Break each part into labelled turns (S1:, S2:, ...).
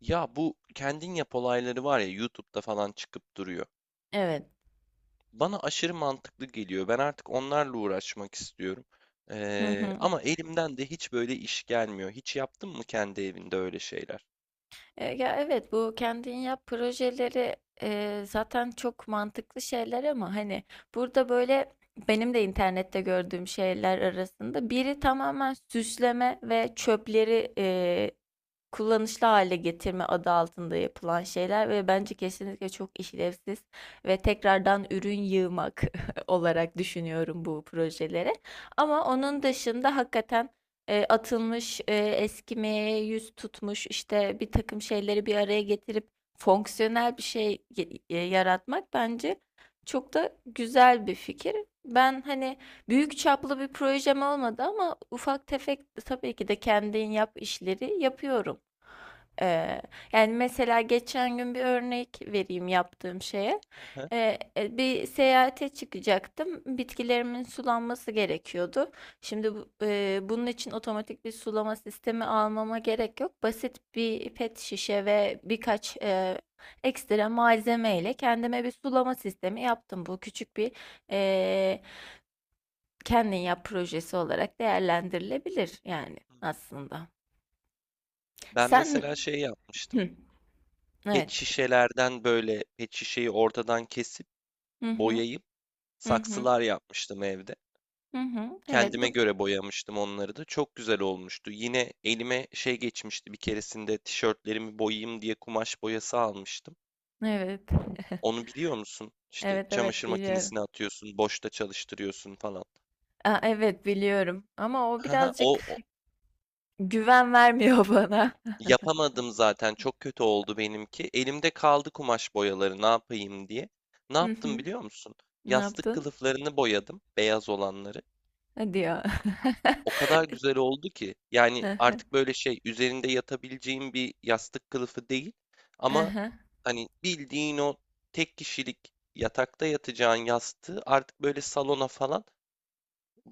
S1: Ya bu kendin yap olayları var ya YouTube'da falan çıkıp duruyor.
S2: Evet.
S1: Bana aşırı mantıklı geliyor. Ben artık onlarla uğraşmak istiyorum.
S2: Hı
S1: Ee,
S2: hı.
S1: ama elimden de hiç böyle iş gelmiyor. Hiç yaptın mı kendi evinde öyle şeyler?
S2: Ya evet bu kendin yap projeleri zaten çok mantıklı şeyler ama hani burada böyle benim de internette gördüğüm şeyler arasında biri tamamen süsleme ve çöpleri kullanışlı hale getirme adı altında yapılan şeyler ve bence kesinlikle çok işlevsiz ve tekrardan ürün yığmak olarak düşünüyorum bu projeleri. Ama onun dışında hakikaten atılmış, eskimeye yüz tutmuş, işte bir takım şeyleri bir araya getirip fonksiyonel bir şey yaratmak bence çok da güzel bir fikir. Ben hani büyük çaplı bir projem olmadı ama ufak tefek tabii ki de kendin yap işleri yapıyorum. Ee, yani mesela geçen gün bir örnek vereyim yaptığım şeye.
S1: Aha.
S2: Bir seyahate çıkacaktım. Bitkilerimin sulanması gerekiyordu. Şimdi bunun için otomatik bir sulama sistemi almama gerek yok. Basit bir pet şişe ve birkaç ekstra malzeme ile kendime bir sulama sistemi yaptım. Bu küçük bir e, kendin yap projesi olarak değerlendirilebilir yani
S1: Hı hı.
S2: aslında.
S1: Ben
S2: Sen.
S1: mesela şey yapmıştım.
S2: Hı,
S1: Pet
S2: evet.
S1: şişelerden böyle pet şişeyi ortadan kesip boyayıp
S2: Hı hı.
S1: saksılar yapmıştım evde.
S2: Hı hı. Evet
S1: Kendime
S2: bu
S1: göre boyamıştım onları da. Çok güzel olmuştu. Yine elime şey geçmişti bir keresinde tişörtlerimi boyayayım diye kumaş boyası almıştım.
S2: evet.
S1: Onu biliyor musun? İşte
S2: Evet evet
S1: çamaşır
S2: biliyorum.
S1: makinesine atıyorsun, boşta çalıştırıyorsun falan.
S2: Aa, evet biliyorum ama o
S1: Haha, o,
S2: birazcık
S1: o
S2: güven vermiyor bana.
S1: yapamadım zaten. Çok kötü oldu benimki. Elimde kaldı kumaş boyaları ne yapayım diye. Ne
S2: Hı
S1: yaptım
S2: hı.
S1: biliyor musun?
S2: Ne
S1: Yastık
S2: yaptın?
S1: kılıflarını boyadım, beyaz olanları.
S2: Hadi ya.
S1: O kadar güzel oldu ki yani
S2: Aha,
S1: artık böyle şey üzerinde yatabileceğim bir yastık kılıfı değil ama
S2: aha.
S1: hani bildiğin o tek kişilik yatakta yatacağın yastığı artık böyle salona falan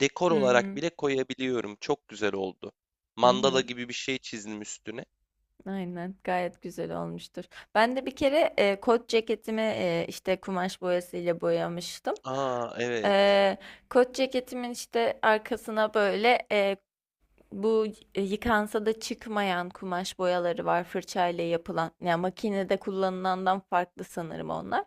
S1: dekor
S2: Hı
S1: olarak
S2: hı.
S1: bile koyabiliyorum. Çok güzel oldu.
S2: Hı
S1: Mandala
S2: hı.
S1: gibi bir şey çizdim üstüne.
S2: Aynen, gayet güzel olmuştur. Ben de bir kere kot ceketimi işte kumaş boyasıyla boyamıştım.
S1: Aa, evet.
S2: E, kot ceketimin işte arkasına böyle, Bu yıkansa da çıkmayan kumaş boyaları var fırçayla yapılan. Yani makinede kullanılandan farklı sanırım onlar.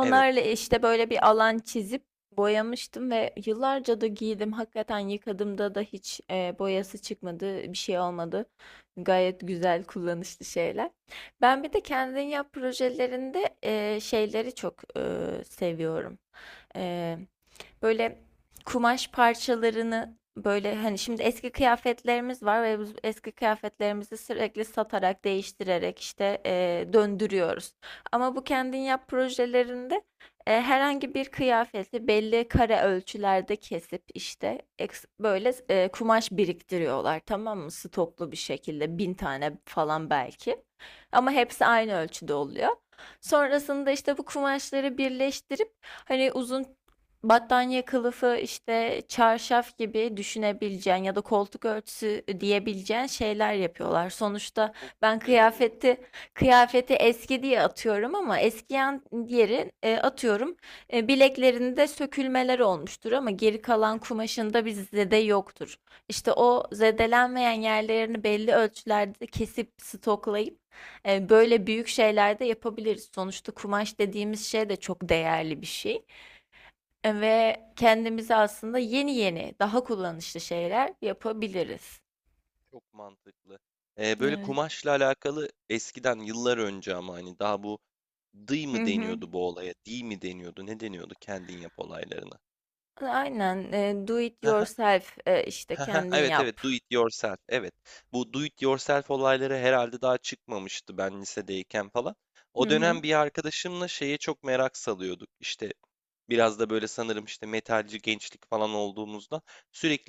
S1: Evet.
S2: işte böyle bir alan çizip boyamıştım ve yıllarca da giydim. Hakikaten yıkadığımda da hiç boyası çıkmadı, bir şey olmadı. Gayet güzel kullanışlı şeyler. Ben bir de kendin yap projelerinde şeyleri çok seviyorum. E, böyle kumaş parçalarını böyle hani
S1: Hı,
S2: şimdi eski kıyafetlerimiz var ve biz eski kıyafetlerimizi sürekli satarak, değiştirerek işte
S1: evet,
S2: döndürüyoruz. Ama bu kendin yap projelerinde herhangi bir kıyafeti belli kare ölçülerde kesip işte böyle kumaş biriktiriyorlar, tamam mı? Stoklu bir şekilde bin tane falan belki. Ama hepsi aynı ölçüde oluyor. Sonrasında işte bu kumaşları birleştirip hani uzun battaniye kılıfı, işte çarşaf gibi düşünebileceğin ya da koltuk örtüsü diyebileceğin şeyler yapıyorlar. Sonuçta
S1: çok
S2: ben
S1: güzel olur.
S2: kıyafeti eski diye atıyorum ama eskiyen diğeri atıyorum. Bileklerinde sökülmeler olmuştur ama geri kalan
S1: Evet,
S2: kumaşında bir zede yoktur. İşte o
S1: evet,
S2: zedelenmeyen yerlerini belli ölçülerde kesip stoklayıp böyle büyük şeyler de yapabiliriz. Sonuçta kumaş dediğimiz şey de çok değerli bir şey ve kendimize aslında yeni yeni daha kullanışlı şeyler yapabiliriz.
S1: çok mantıklı. Böyle
S2: Evet.
S1: kumaşla alakalı eskiden yıllar önce ama hani daha bu Dıy
S2: Hı
S1: mı
S2: hı.
S1: deniyordu bu olaya? Diy mi deniyordu? Ne deniyordu kendin yap olaylarına?
S2: Aynen. Do it yourself, işte
S1: Haha,
S2: kendin
S1: evet,
S2: yap.
S1: evet, do it yourself, evet. Bu do it yourself olayları herhalde daha çıkmamıştı ben lisedeyken falan. O
S2: Hı hı.
S1: dönem bir arkadaşımla şeye çok merak salıyorduk. İşte biraz da böyle sanırım işte metalci gençlik falan olduğumuzda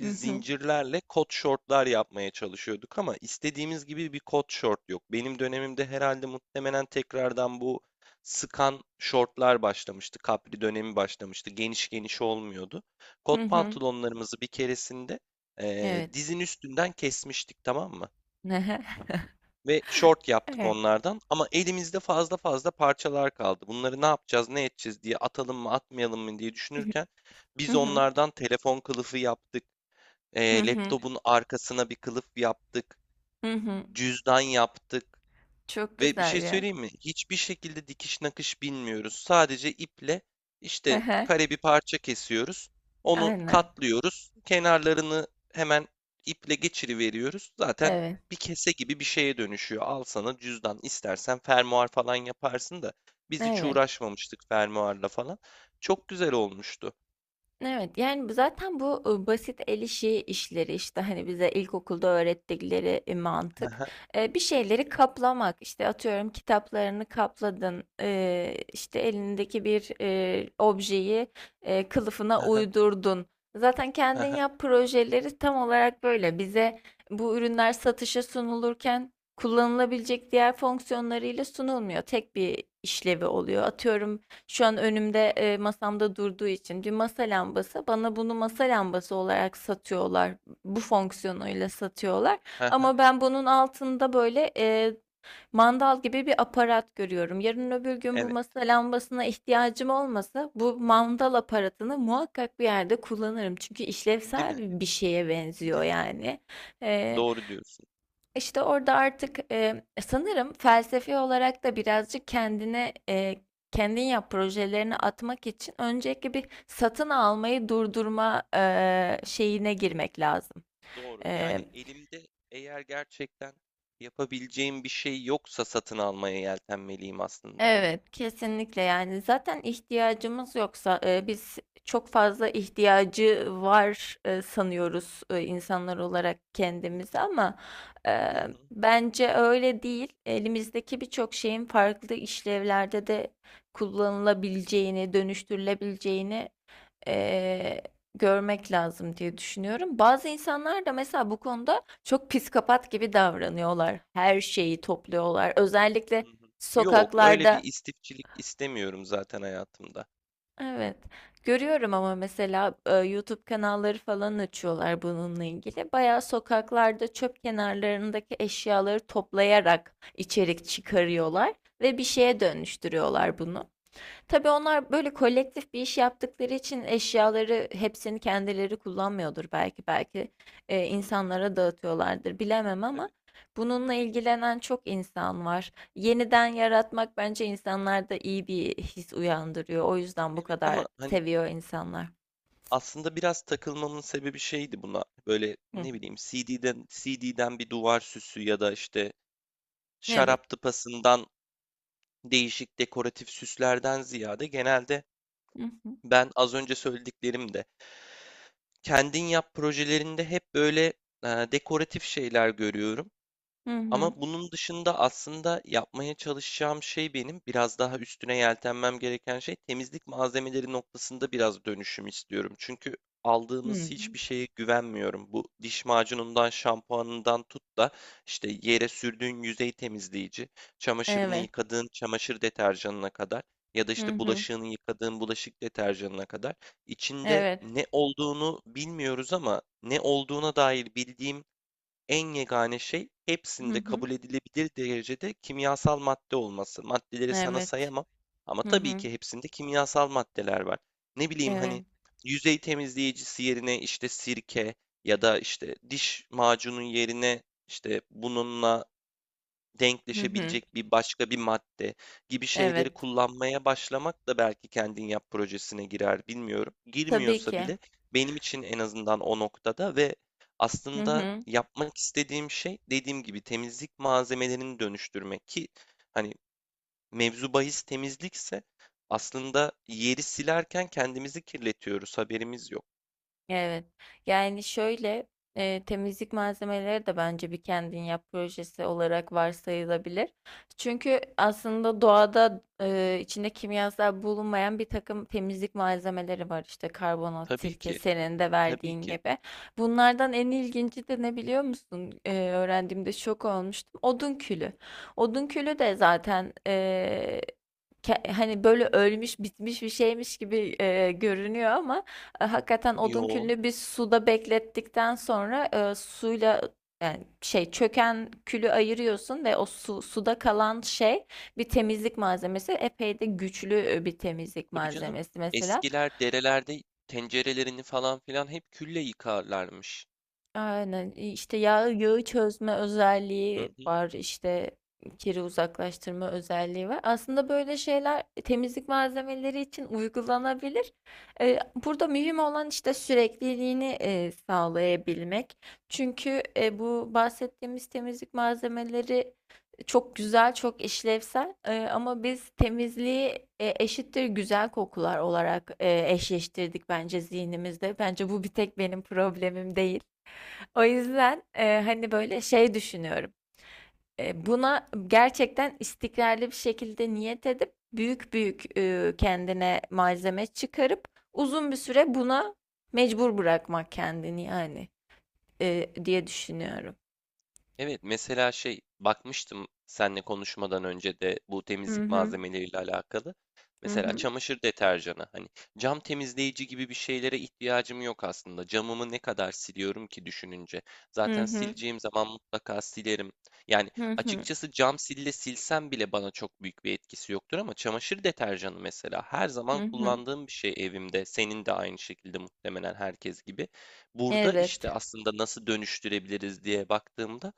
S2: Hı hı.
S1: zincirlerle kot şortlar yapmaya çalışıyorduk ama istediğimiz gibi bir kot şort yok. Benim dönemimde herhalde muhtemelen tekrardan bu sıkan şortlar başlamıştı. Kapri dönemi başlamıştı. Geniş geniş olmuyordu.
S2: Hı
S1: Kot
S2: hı.
S1: pantolonlarımızı bir keresinde
S2: Evet.
S1: dizin üstünden kesmiştik, tamam mı? Ve short yaptık
S2: Evet.
S1: onlardan ama elimizde fazla fazla parçalar kaldı. Bunları ne yapacağız, ne edeceğiz diye atalım mı, atmayalım mı diye düşünürken
S2: Hı
S1: biz
S2: hı.
S1: onlardan telefon kılıfı yaptık.
S2: Hı
S1: ee,
S2: hı.
S1: laptopun arkasına bir kılıf yaptık.
S2: Hı hı.
S1: Cüzdan yaptık.
S2: Çok
S1: Ve bir
S2: güzel
S1: şey
S2: ya.
S1: söyleyeyim mi? Hiçbir şekilde dikiş nakış bilmiyoruz. Sadece iple işte kare bir parça kesiyoruz. Onu
S2: Aynen.
S1: katlıyoruz. Kenarlarını hemen iple geçiriveriyoruz. Zaten
S2: Evet.
S1: bir kese gibi bir şeye dönüşüyor. Al sana cüzdan. İstersen fermuar falan yaparsın da biz hiç
S2: Evet.
S1: uğraşmamıştık fermuarla falan. Çok güzel olmuştu.
S2: Evet, yani zaten bu basit el işi işleri işte hani bize ilkokulda öğrettikleri
S1: Hı
S2: mantık.
S1: hı,
S2: Bir şeyleri kaplamak, işte atıyorum kitaplarını kapladın, işte elindeki bir objeyi kılıfına
S1: hı hı,
S2: uydurdun. Zaten
S1: hı
S2: kendin
S1: hı,
S2: yap projeleri tam olarak böyle bize bu ürünler satışa sunulurken kullanılabilecek diğer fonksiyonlarıyla sunulmuyor. Tek bir işlevi oluyor. Atıyorum şu an önümde, masamda durduğu için bir masa lambası. Bana bunu masa lambası olarak satıyorlar. Bu fonksiyonuyla satıyorlar.
S1: hı hı.
S2: Ama ben bunun altında böyle mandal gibi bir aparat görüyorum. Yarın öbür gün bu
S1: Evet.
S2: masa lambasına ihtiyacım olmasa bu mandal aparatını muhakkak bir yerde kullanırım. Çünkü
S1: Değil mi?
S2: işlevsel bir şeye benziyor
S1: Değil mi?
S2: yani. Eee,
S1: Doğru diyorsun.
S2: işte orada artık sanırım felsefi olarak da birazcık kendine kendin yap projelerini atmak için önceki bir satın almayı durdurma şeyine girmek lazım.
S1: Doğru.
S2: E,
S1: Yani elimde eğer gerçekten yapabileceğim bir şey yoksa satın almaya yeltenmeliyim aslında.
S2: Evet, kesinlikle yani zaten ihtiyacımız yoksa biz çok fazla ihtiyacı var sanıyoruz insanlar olarak
S1: Hı
S2: kendimizi,
S1: hı,
S2: ama e,
S1: hı hı,
S2: bence öyle değil. Elimizdeki birçok şeyin farklı işlevlerde de kullanılabileceğini, dönüştürülebileceğini e, görmek lazım diye düşünüyorum. Bazı insanlar da mesela bu konuda çok psikopat gibi davranıyorlar. Her şeyi topluyorlar. Özellikle
S1: hı hı. Yok, öyle bir
S2: sokaklarda.
S1: istifçilik istemiyorum zaten hayatımda.
S2: Evet. Görüyorum, ama mesela YouTube kanalları falan açıyorlar bununla
S1: Hı
S2: ilgili. Bayağı sokaklarda çöp kenarlarındaki eşyaları toplayarak içerik çıkarıyorlar ve bir
S1: hı,
S2: şeye dönüştürüyorlar bunu. Tabii onlar böyle kolektif bir iş yaptıkları için eşyaları hepsini kendileri kullanmıyordur belki. Belki
S1: hı hı,
S2: insanlara dağıtıyorlardır, bilemem, ama
S1: tabii.
S2: bununla ilgilenen çok insan var. Yeniden yaratmak bence insanlarda iyi bir his uyandırıyor. O yüzden bu
S1: Evet,
S2: kadar
S1: ama hani
S2: seviyor insanlar.
S1: aslında biraz takılmamın sebebi şeydi buna. Böyle
S2: Hı hı.
S1: ne bileyim CD'den bir duvar süsü ya da işte
S2: Evet.
S1: şarap tıpasından değişik dekoratif süslerden ziyade genelde
S2: Hı hı.
S1: ben az önce söylediklerim kendin yap projelerinde hep böyle dekoratif şeyler görüyorum.
S2: Hı
S1: Ama
S2: hı.
S1: bunun dışında aslında yapmaya çalışacağım şey, benim biraz daha üstüne yeltenmem gereken şey, temizlik malzemeleri noktasında biraz dönüşüm istiyorum. Çünkü aldığımız
S2: Hmm.
S1: hiçbir şeye güvenmiyorum. Bu diş macunundan, şampuanından tut da işte yere sürdüğün yüzey temizleyici, çamaşırını
S2: Evet.
S1: yıkadığın çamaşır deterjanına kadar ya da
S2: Hı
S1: işte
S2: hı.
S1: bulaşığını yıkadığın bulaşık deterjanına kadar içinde
S2: Evet.
S1: ne olduğunu bilmiyoruz ama ne olduğuna dair bildiğim en yegane şey
S2: Hı
S1: hepsinde
S2: hı.
S1: kabul edilebilir derecede kimyasal madde olması. Maddeleri sana
S2: Evet.
S1: sayamam ama
S2: Hı
S1: tabii
S2: hı.
S1: ki hepsinde kimyasal maddeler var. Ne bileyim hani
S2: Evet.
S1: yüzey temizleyicisi yerine işte sirke ya da işte diş macunun yerine işte bununla
S2: Hı hı.
S1: denkleşebilecek bir başka bir madde gibi şeyleri
S2: Evet.
S1: kullanmaya başlamak da belki kendin yap projesine girer, bilmiyorum.
S2: Tabii
S1: Girmiyorsa
S2: ki.
S1: bile benim için en azından o noktada ve
S2: Hı
S1: aslında
S2: hı.
S1: yapmak istediğim şey, dediğim gibi, temizlik malzemelerini dönüştürmek ki hani mevzu bahis temizlikse aslında yeri silerken kendimizi kirletiyoruz, haberimiz yok.
S2: Evet. Yani şöyle, temizlik malzemeleri de bence bir kendin yap projesi olarak varsayılabilir. Çünkü aslında doğada içinde kimyasal bulunmayan bir takım temizlik malzemeleri var. İşte karbonat,
S1: Tabii
S2: sirke,
S1: ki,
S2: senin de
S1: tabii
S2: verdiğin
S1: ki.
S2: gibi. Bunlardan en ilginci de ne biliyor musun? Öğrendiğimde şok olmuştum. Odun külü. Odun külü de zaten, hani böyle ölmüş bitmiş bir şeymiş gibi görünüyor, ama hakikaten odun
S1: Yo,
S2: külünü bir suda beklettikten sonra suyla, yani şey, çöken külü ayırıyorsun ve o su, suda kalan şey bir temizlik malzemesi. Epey de güçlü bir temizlik
S1: tabii canım.
S2: malzemesi mesela.
S1: Eskiler derelerde tencerelerini falan filan hep külle yıkarlarmış.
S2: Aynen. İşte yağı çözme özelliği
S1: Hı.
S2: var, işte kiri uzaklaştırma özelliği var. Aslında böyle şeyler temizlik malzemeleri için uygulanabilir. Ee, burada mühim olan işte sürekliliğini sağlayabilmek. Çünkü bu bahsettiğimiz temizlik malzemeleri çok güzel, çok işlevsel. Ama biz temizliği eşittir güzel kokular olarak eşleştirdik bence zihnimizde. Bence bu bir tek benim problemim değil. O yüzden hani böyle şey düşünüyorum. Buna gerçekten istikrarlı bir şekilde niyet edip büyük büyük kendine malzeme çıkarıp uzun bir süre buna mecbur bırakmak kendini yani, diye düşünüyorum.
S1: Evet, mesela şey bakmıştım seninle konuşmadan önce de bu
S2: Hı
S1: temizlik
S2: hı
S1: malzemeleriyle alakalı.
S2: hı
S1: Mesela
S2: hı
S1: çamaşır deterjanı, hani cam temizleyici gibi bir şeylere ihtiyacım yok aslında. Camımı ne kadar siliyorum ki düşününce.
S2: hı
S1: Zaten
S2: hı
S1: sileceğim zaman mutlaka silerim. Yani
S2: hı hı
S1: açıkçası cam sille silsem bile bana çok büyük bir etkisi yoktur ama çamaşır deterjanı mesela her
S2: hı
S1: zaman
S2: hı.
S1: kullandığım bir şey evimde. Senin de aynı şekilde, muhtemelen herkes gibi. Burada
S2: Evet.
S1: işte aslında nasıl dönüştürebiliriz diye baktığımda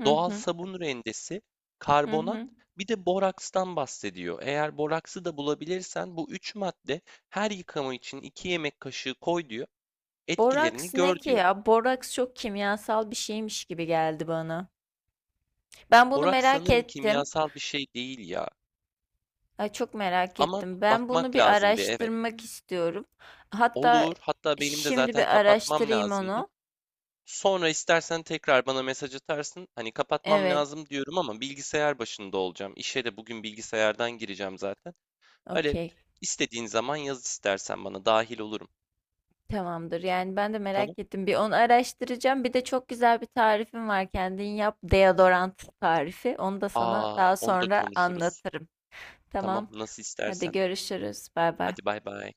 S2: Hı
S1: doğal
S2: hı
S1: sabun rendesi,
S2: hı
S1: karbonat,
S2: hı.
S1: bir de borakstan bahsediyor. Eğer boraksı da bulabilirsen bu üç madde her yıkama için 2 yemek kaşığı koy diyor. Etkilerini
S2: Boraks
S1: gör
S2: ne ki
S1: diyor.
S2: ya? Boraks çok kimyasal bir şeymiş gibi geldi bana. Ben bunu
S1: Boraks
S2: merak
S1: sanırım
S2: ettim.
S1: kimyasal bir şey değil ya.
S2: Ay, çok merak
S1: Ama
S2: ettim. Ben bunu
S1: bakmak
S2: bir
S1: lazım bir, evet.
S2: araştırmak istiyorum. Hatta
S1: Olur. Hatta benim de
S2: şimdi
S1: zaten
S2: bir
S1: kapatmam
S2: araştırayım
S1: lazımdı.
S2: onu.
S1: Sonra istersen tekrar bana mesaj atarsın. Hani kapatmam
S2: Evet,
S1: lazım diyorum ama bilgisayar başında olacağım. İşe de bugün bilgisayardan gireceğim zaten. Öyle,
S2: okey.
S1: istediğin zaman yaz, istersen bana dahil olurum.
S2: Tamamdır. Yani ben de
S1: Tamam.
S2: merak ettim. Bir onu araştıracağım. Bir de çok güzel bir tarifim var. Kendin yap deodorant tarifi. Onu da sana
S1: Aa,
S2: daha
S1: onu da
S2: sonra
S1: konuşuruz.
S2: anlatırım.
S1: Tamam,
S2: Tamam.
S1: nasıl
S2: Hadi
S1: istersen.
S2: görüşürüz. Bay bay.
S1: Hadi bay bay.